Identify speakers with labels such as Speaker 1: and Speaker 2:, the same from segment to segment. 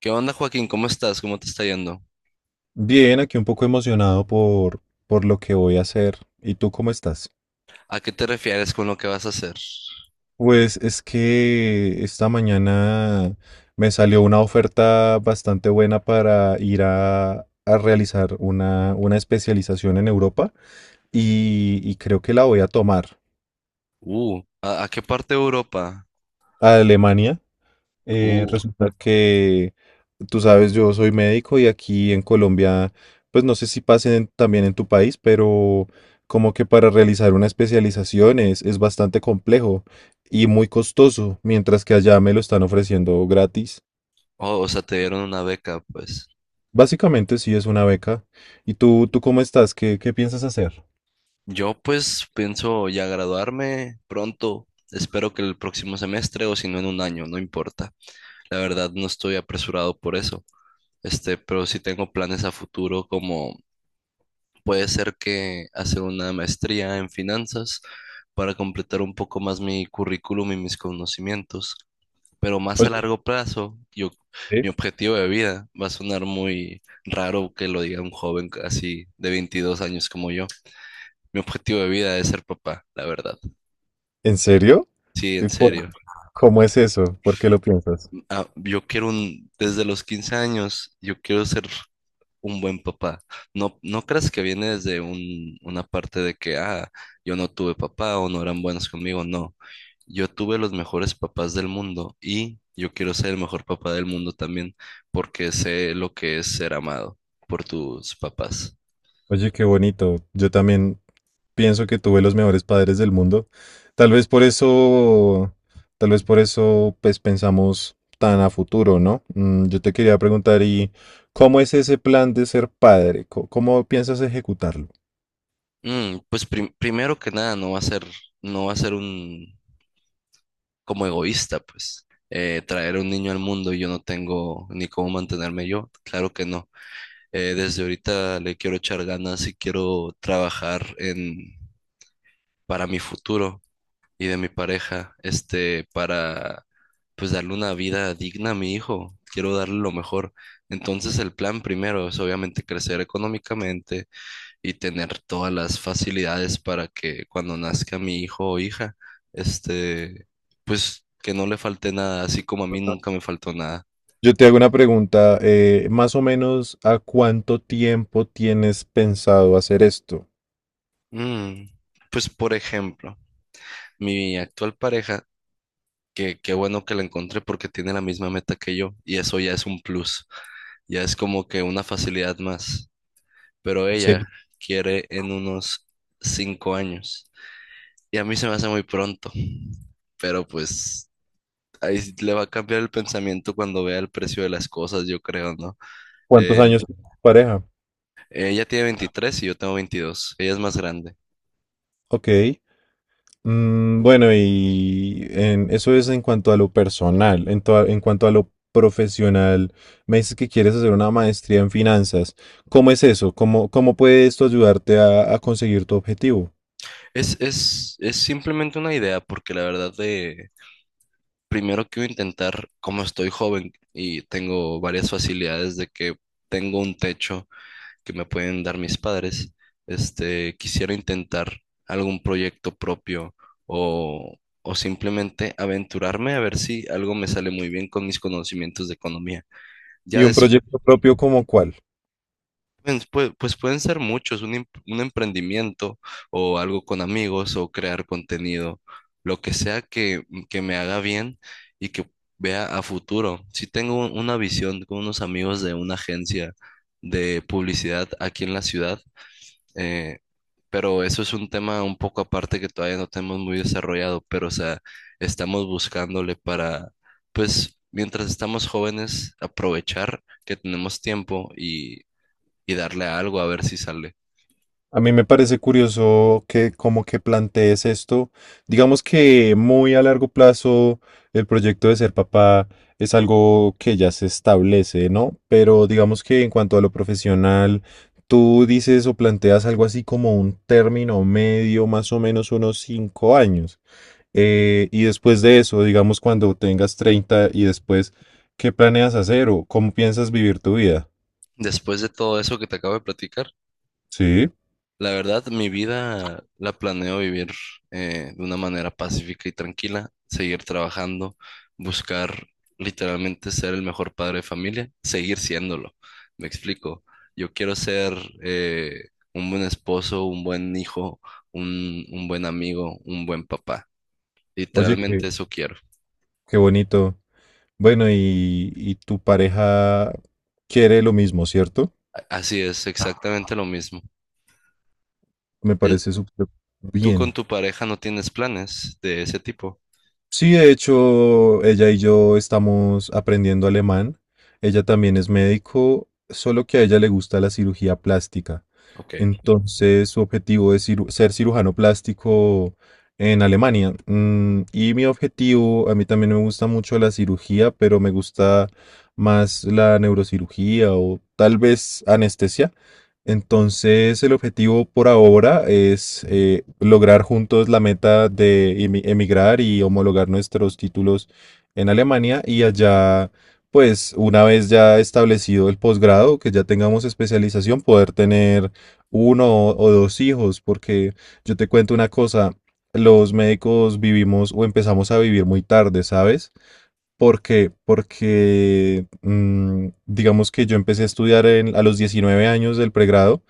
Speaker 1: ¿Qué onda, Joaquín? ¿Cómo estás? ¿Cómo te está yendo?
Speaker 2: Bien, aquí un poco emocionado por lo que voy a hacer. ¿Y tú cómo estás?
Speaker 1: ¿A qué te refieres con lo que vas a hacer?
Speaker 2: Pues es que esta mañana me salió una oferta bastante buena para ir a realizar una especialización en Europa y creo que la voy a tomar
Speaker 1: ¿A qué parte de Europa?
Speaker 2: a Alemania.
Speaker 1: Uh,
Speaker 2: Resulta que, tú sabes, yo soy médico y aquí en Colombia, pues no sé si pasen también en tu país, pero como que para realizar una especialización es bastante complejo y muy costoso, mientras que allá me lo están ofreciendo gratis.
Speaker 1: oh, o sea, te dieron una beca, pues.
Speaker 2: Básicamente sí es una beca. ¿Y tú cómo estás? ¿Qué piensas hacer?
Speaker 1: Yo, pues, pienso ya graduarme pronto. Espero que el próximo semestre o si no en un año, no importa. La verdad, no estoy apresurado por eso. Este, pero sí tengo planes a futuro como puede ser que hacer una maestría en finanzas para completar un poco más mi currículum y mis conocimientos. Pero más a
Speaker 2: Oye,
Speaker 1: largo plazo, yo,
Speaker 2: ¿qué?
Speaker 1: mi objetivo de vida va a sonar muy raro que lo diga un joven así de 22 años como yo. Mi objetivo de vida es ser papá, la verdad.
Speaker 2: ¿En serio?
Speaker 1: Sí, en
Speaker 2: ¿Y por-
Speaker 1: serio.
Speaker 2: ¿Cómo es eso? ¿Por qué lo piensas?
Speaker 1: Ah, yo quiero un, desde los 15 años, yo quiero ser un buen papá. No, no creas que viene desde un, una parte de que, ah, yo no tuve papá o no eran buenos conmigo. No, yo tuve los mejores papás del mundo y yo quiero ser el mejor papá del mundo también porque sé lo que es ser amado por tus papás.
Speaker 2: Oye, qué bonito. Yo también pienso que tuve los mejores padres del mundo. Tal vez por eso, Tal vez por eso, pues pensamos tan a futuro, ¿no? Mm, yo te quería preguntar, ¿y cómo es ese plan de ser padre? ¿Cómo piensas ejecutarlo?
Speaker 1: Pues primero que nada, no va a ser un como egoísta, pues. Traer un niño al mundo y yo no tengo ni cómo mantenerme yo, claro que no. Desde ahorita le quiero echar ganas y quiero trabajar en, para mi futuro y de mi pareja, este, para pues darle una vida digna a mi hijo. Quiero darle lo mejor. Entonces el plan primero es obviamente crecer económicamente y tener todas las facilidades para que cuando nazca mi hijo o hija, este, pues que no le falte nada, así como a mí nunca me faltó nada.
Speaker 2: Yo te hago una pregunta, más o menos, ¿a cuánto tiempo tienes pensado hacer esto?
Speaker 1: Mm, Pues por ejemplo, mi actual pareja que qué bueno que la encontré porque tiene la misma meta que yo y eso ya es un plus, ya es como que una facilidad más. Pero
Speaker 2: Sí.
Speaker 1: ella quiere en unos 5 años y a mí se me hace muy pronto, pero pues ahí sí le va a cambiar el pensamiento cuando vea el precio de las cosas, yo creo, ¿no?
Speaker 2: ¿Cuántos
Speaker 1: Eh,
Speaker 2: años tienes pareja?
Speaker 1: ella tiene 23 y yo tengo 22, ella es más grande.
Speaker 2: Ok. Mm, bueno, eso es en cuanto a lo personal. En cuanto a lo profesional, me dices que quieres hacer una maestría en finanzas. ¿Cómo es eso? ¿Cómo, ¿cómo puede esto ayudarte a conseguir tu objetivo?
Speaker 1: Es simplemente una idea porque la verdad de primero quiero intentar, como estoy joven y tengo varias facilidades de que tengo un techo que me pueden dar mis padres, este, quisiera intentar algún proyecto propio o, o simplemente aventurarme a ver si algo me sale muy bien con mis conocimientos de economía.
Speaker 2: ¿Y
Speaker 1: Ya
Speaker 2: un proyecto propio como cuál?
Speaker 1: pues, pues pueden ser muchos, un, un emprendimiento o algo con amigos o crear contenido, lo que sea que me haga bien y que vea a futuro. Si tengo una visión con unos amigos de una agencia de publicidad aquí en la ciudad, eh, pero eso es un tema un poco aparte que todavía no tenemos muy desarrollado, pero o sea, estamos buscándole para, pues, mientras estamos jóvenes, aprovechar que tenemos tiempo y darle a algo a ver si sale.
Speaker 2: A mí me parece curioso que como que plantees esto. Digamos que muy a largo plazo el proyecto de ser papá es algo que ya se establece, ¿no? Pero digamos que en cuanto a lo profesional, tú dices o planteas algo así como un término medio, más o menos unos 5 años. Y después de eso, digamos cuando tengas 30 y después, ¿qué planeas hacer o cómo piensas vivir tu vida?
Speaker 1: Después de todo eso que te acabo de platicar,
Speaker 2: Sí.
Speaker 1: la verdad, mi vida la planeo vivir de una manera pacífica y tranquila, seguir trabajando, buscar literalmente ser el mejor padre de familia, seguir siéndolo. Me explico. Yo quiero ser eh, un buen esposo, un buen hijo, un buen amigo, un buen papá.
Speaker 2: Oye,
Speaker 1: Literalmente eso quiero.
Speaker 2: qué bonito. Bueno, y tu pareja quiere lo mismo, ¿cierto?
Speaker 1: A- Así es, exactamente lo mismo.
Speaker 2: Me
Speaker 1: Eh,
Speaker 2: parece súper
Speaker 1: ¿Tú con
Speaker 2: bien.
Speaker 1: tu pareja no tienes planes de ese tipo?
Speaker 2: Sí, de hecho, ella y yo estamos aprendiendo alemán. Ella también es médico, solo que a ella le gusta la cirugía plástica.
Speaker 1: Ok.
Speaker 2: Entonces, su objetivo es ser cirujano plástico en Alemania. Mm, y mi objetivo, a mí también me gusta mucho la cirugía, pero me gusta más la neurocirugía o tal vez anestesia. Entonces, el objetivo por ahora es lograr juntos la meta de emigrar y homologar nuestros títulos en Alemania, y allá, pues, una vez ya establecido el posgrado, que ya tengamos especialización, poder tener uno o dos hijos, porque yo te cuento una cosa, los médicos vivimos o empezamos a vivir muy tarde, ¿sabes? Porque digamos que yo empecé a estudiar a los 19 años del pregrado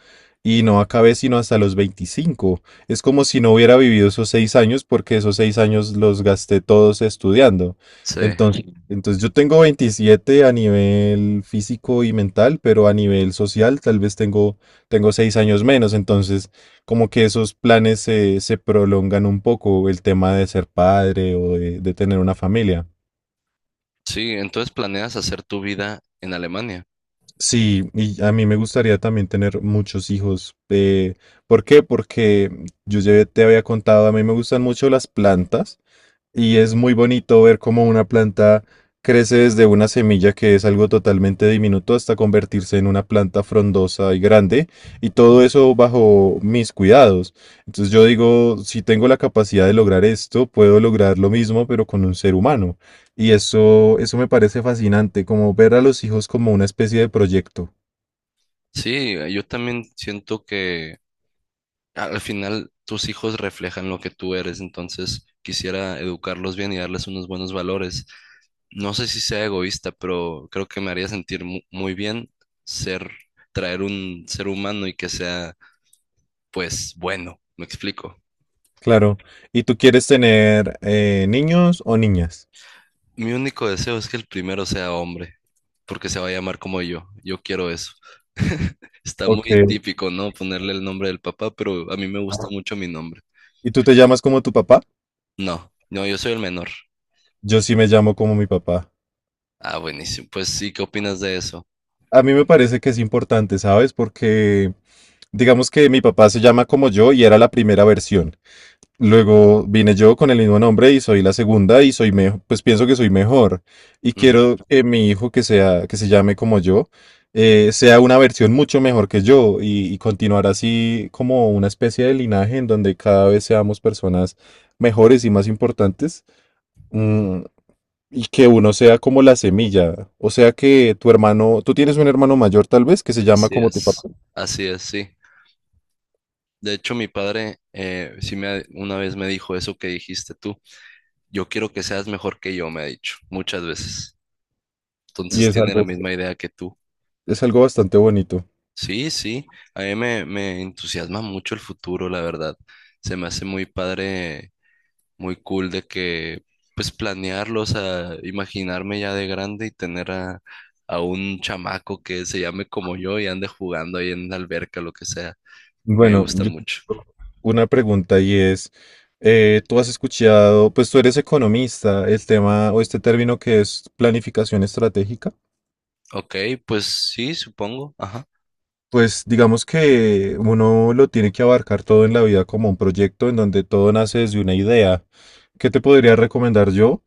Speaker 2: y no acabé sino hasta los 25. Es como si no hubiera vivido esos 6 años, porque esos seis años los gasté todos estudiando.
Speaker 1: Sí.
Speaker 2: Entonces, sí, entonces yo tengo 27 a nivel físico y mental, pero a nivel social tal vez tengo 6 años menos. Entonces, como que esos planes se prolongan un poco, el tema de ser padre o de tener una familia.
Speaker 1: Sí, entonces planeas hacer tu vida en Alemania.
Speaker 2: Sí, y a mí me gustaría también tener muchos hijos. ¿Por qué? Porque yo ya te había contado, a mí me gustan mucho las plantas. Y es muy bonito ver cómo una planta crece desde una semilla que es algo totalmente diminuto hasta convertirse en una planta frondosa y grande, y todo eso bajo mis cuidados. Entonces yo digo, si tengo la capacidad de lograr esto, puedo lograr lo mismo, pero con un ser humano. Eso me parece fascinante, como ver a los hijos como una especie de proyecto.
Speaker 1: Sí, yo también siento que al final tus hijos reflejan lo que tú eres, entonces quisiera educarlos bien y darles unos buenos valores. No sé si sea egoísta, pero creo que me haría sentir muy bien ser, traer un ser humano y que sea, pues, bueno, me explico.
Speaker 2: Claro. ¿Y tú quieres tener niños o niñas?
Speaker 1: Mi único deseo es que el primero sea hombre, porque se va a llamar como yo. Yo quiero eso. Está
Speaker 2: Ok.
Speaker 1: muy típico, ¿no? Ponerle el nombre del papá, pero a mí me gusta mucho mi nombre.
Speaker 2: ¿Y tú te llamas como tu papá?
Speaker 1: No, yo soy el menor.
Speaker 2: Yo sí me llamo como mi papá.
Speaker 1: Ah, buenísimo. Pues sí, ¿qué opinas de eso?
Speaker 2: A mí me parece que es importante, ¿sabes? Porque digamos que mi papá se llama como yo y era la primera versión. Luego vine yo con el mismo nombre y soy la segunda y soy mejor, pues pienso que soy mejor. Y
Speaker 1: Ujú,
Speaker 2: quiero que mi hijo que sea, que se llame como yo, sea una versión mucho mejor que yo y continuar así como una especie de linaje en donde cada vez seamos personas mejores y más importantes. Mm, y que uno sea como la semilla. O sea que tu hermano, tú tienes un hermano mayor tal vez que se llama
Speaker 1: así
Speaker 2: como tu papá.
Speaker 1: es, así es, sí. De hecho, mi padre sí una vez me dijo eso que dijiste tú. Yo quiero que seas mejor que yo, me ha dicho muchas veces.
Speaker 2: Y
Speaker 1: Entonces
Speaker 2: es
Speaker 1: tiene la
Speaker 2: algo,
Speaker 1: misma idea que tú.
Speaker 2: es algo bastante bonito.
Speaker 1: Sí, sí. A mí me, me entusiasma mucho el futuro, la verdad. Se me hace muy padre, muy cool de que, pues planearlo, o sea, imaginarme ya de grande y tener a un chamaco que se llame como yo y ande jugando ahí en la alberca, lo que sea. Me
Speaker 2: Bueno,
Speaker 1: gusta
Speaker 2: yo-
Speaker 1: mucho.
Speaker 2: una pregunta y es, tú has escuchado, pues tú eres economista, el tema o este término que es planificación estratégica.
Speaker 1: Ok, pues sí, supongo. Ajá.
Speaker 2: Pues digamos que uno lo tiene que abarcar todo en la vida como un proyecto en donde todo nace desde una idea. ¿Qué te podría recomendar yo?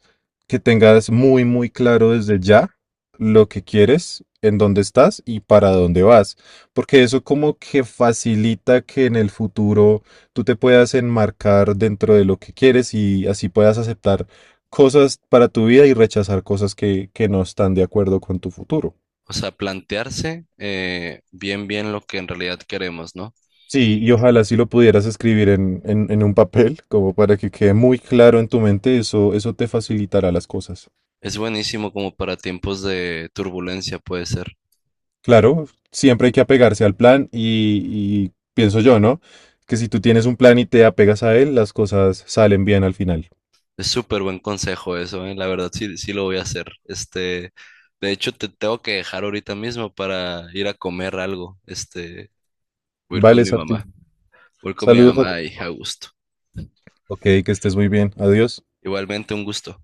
Speaker 2: Que tengas muy claro desde ya lo que quieres, en dónde estás y para dónde vas. Porque eso como que facilita que en el futuro tú te puedas enmarcar dentro de lo que quieres y así puedas aceptar cosas para tu vida y rechazar cosas que no están de acuerdo con tu futuro.
Speaker 1: O sea, plantearse bien, bien lo que en realidad queremos, ¿no?
Speaker 2: Sí, y ojalá si lo pudieras escribir en un papel, como para que quede muy claro en tu mente, eso te facilitará las cosas.
Speaker 1: Es buenísimo como para tiempos de turbulencia, puede ser.
Speaker 2: Claro, siempre hay que apegarse al plan y pienso yo, ¿no? Que si tú tienes un plan y te apegas a él, las cosas salen bien al final.
Speaker 1: Es súper buen consejo eso, ¿eh? La verdad sí, sí lo voy a hacer. Este, de hecho, te tengo que dejar ahorita mismo para ir a comer algo. Este, voy a ir con
Speaker 2: Vale,
Speaker 1: mi
Speaker 2: Santi.
Speaker 1: mamá. Voy a ir con mi
Speaker 2: Saludos a ti.
Speaker 1: mamá y a gusto.
Speaker 2: Ok, que estés muy bien. Adiós.
Speaker 1: Igualmente, un gusto.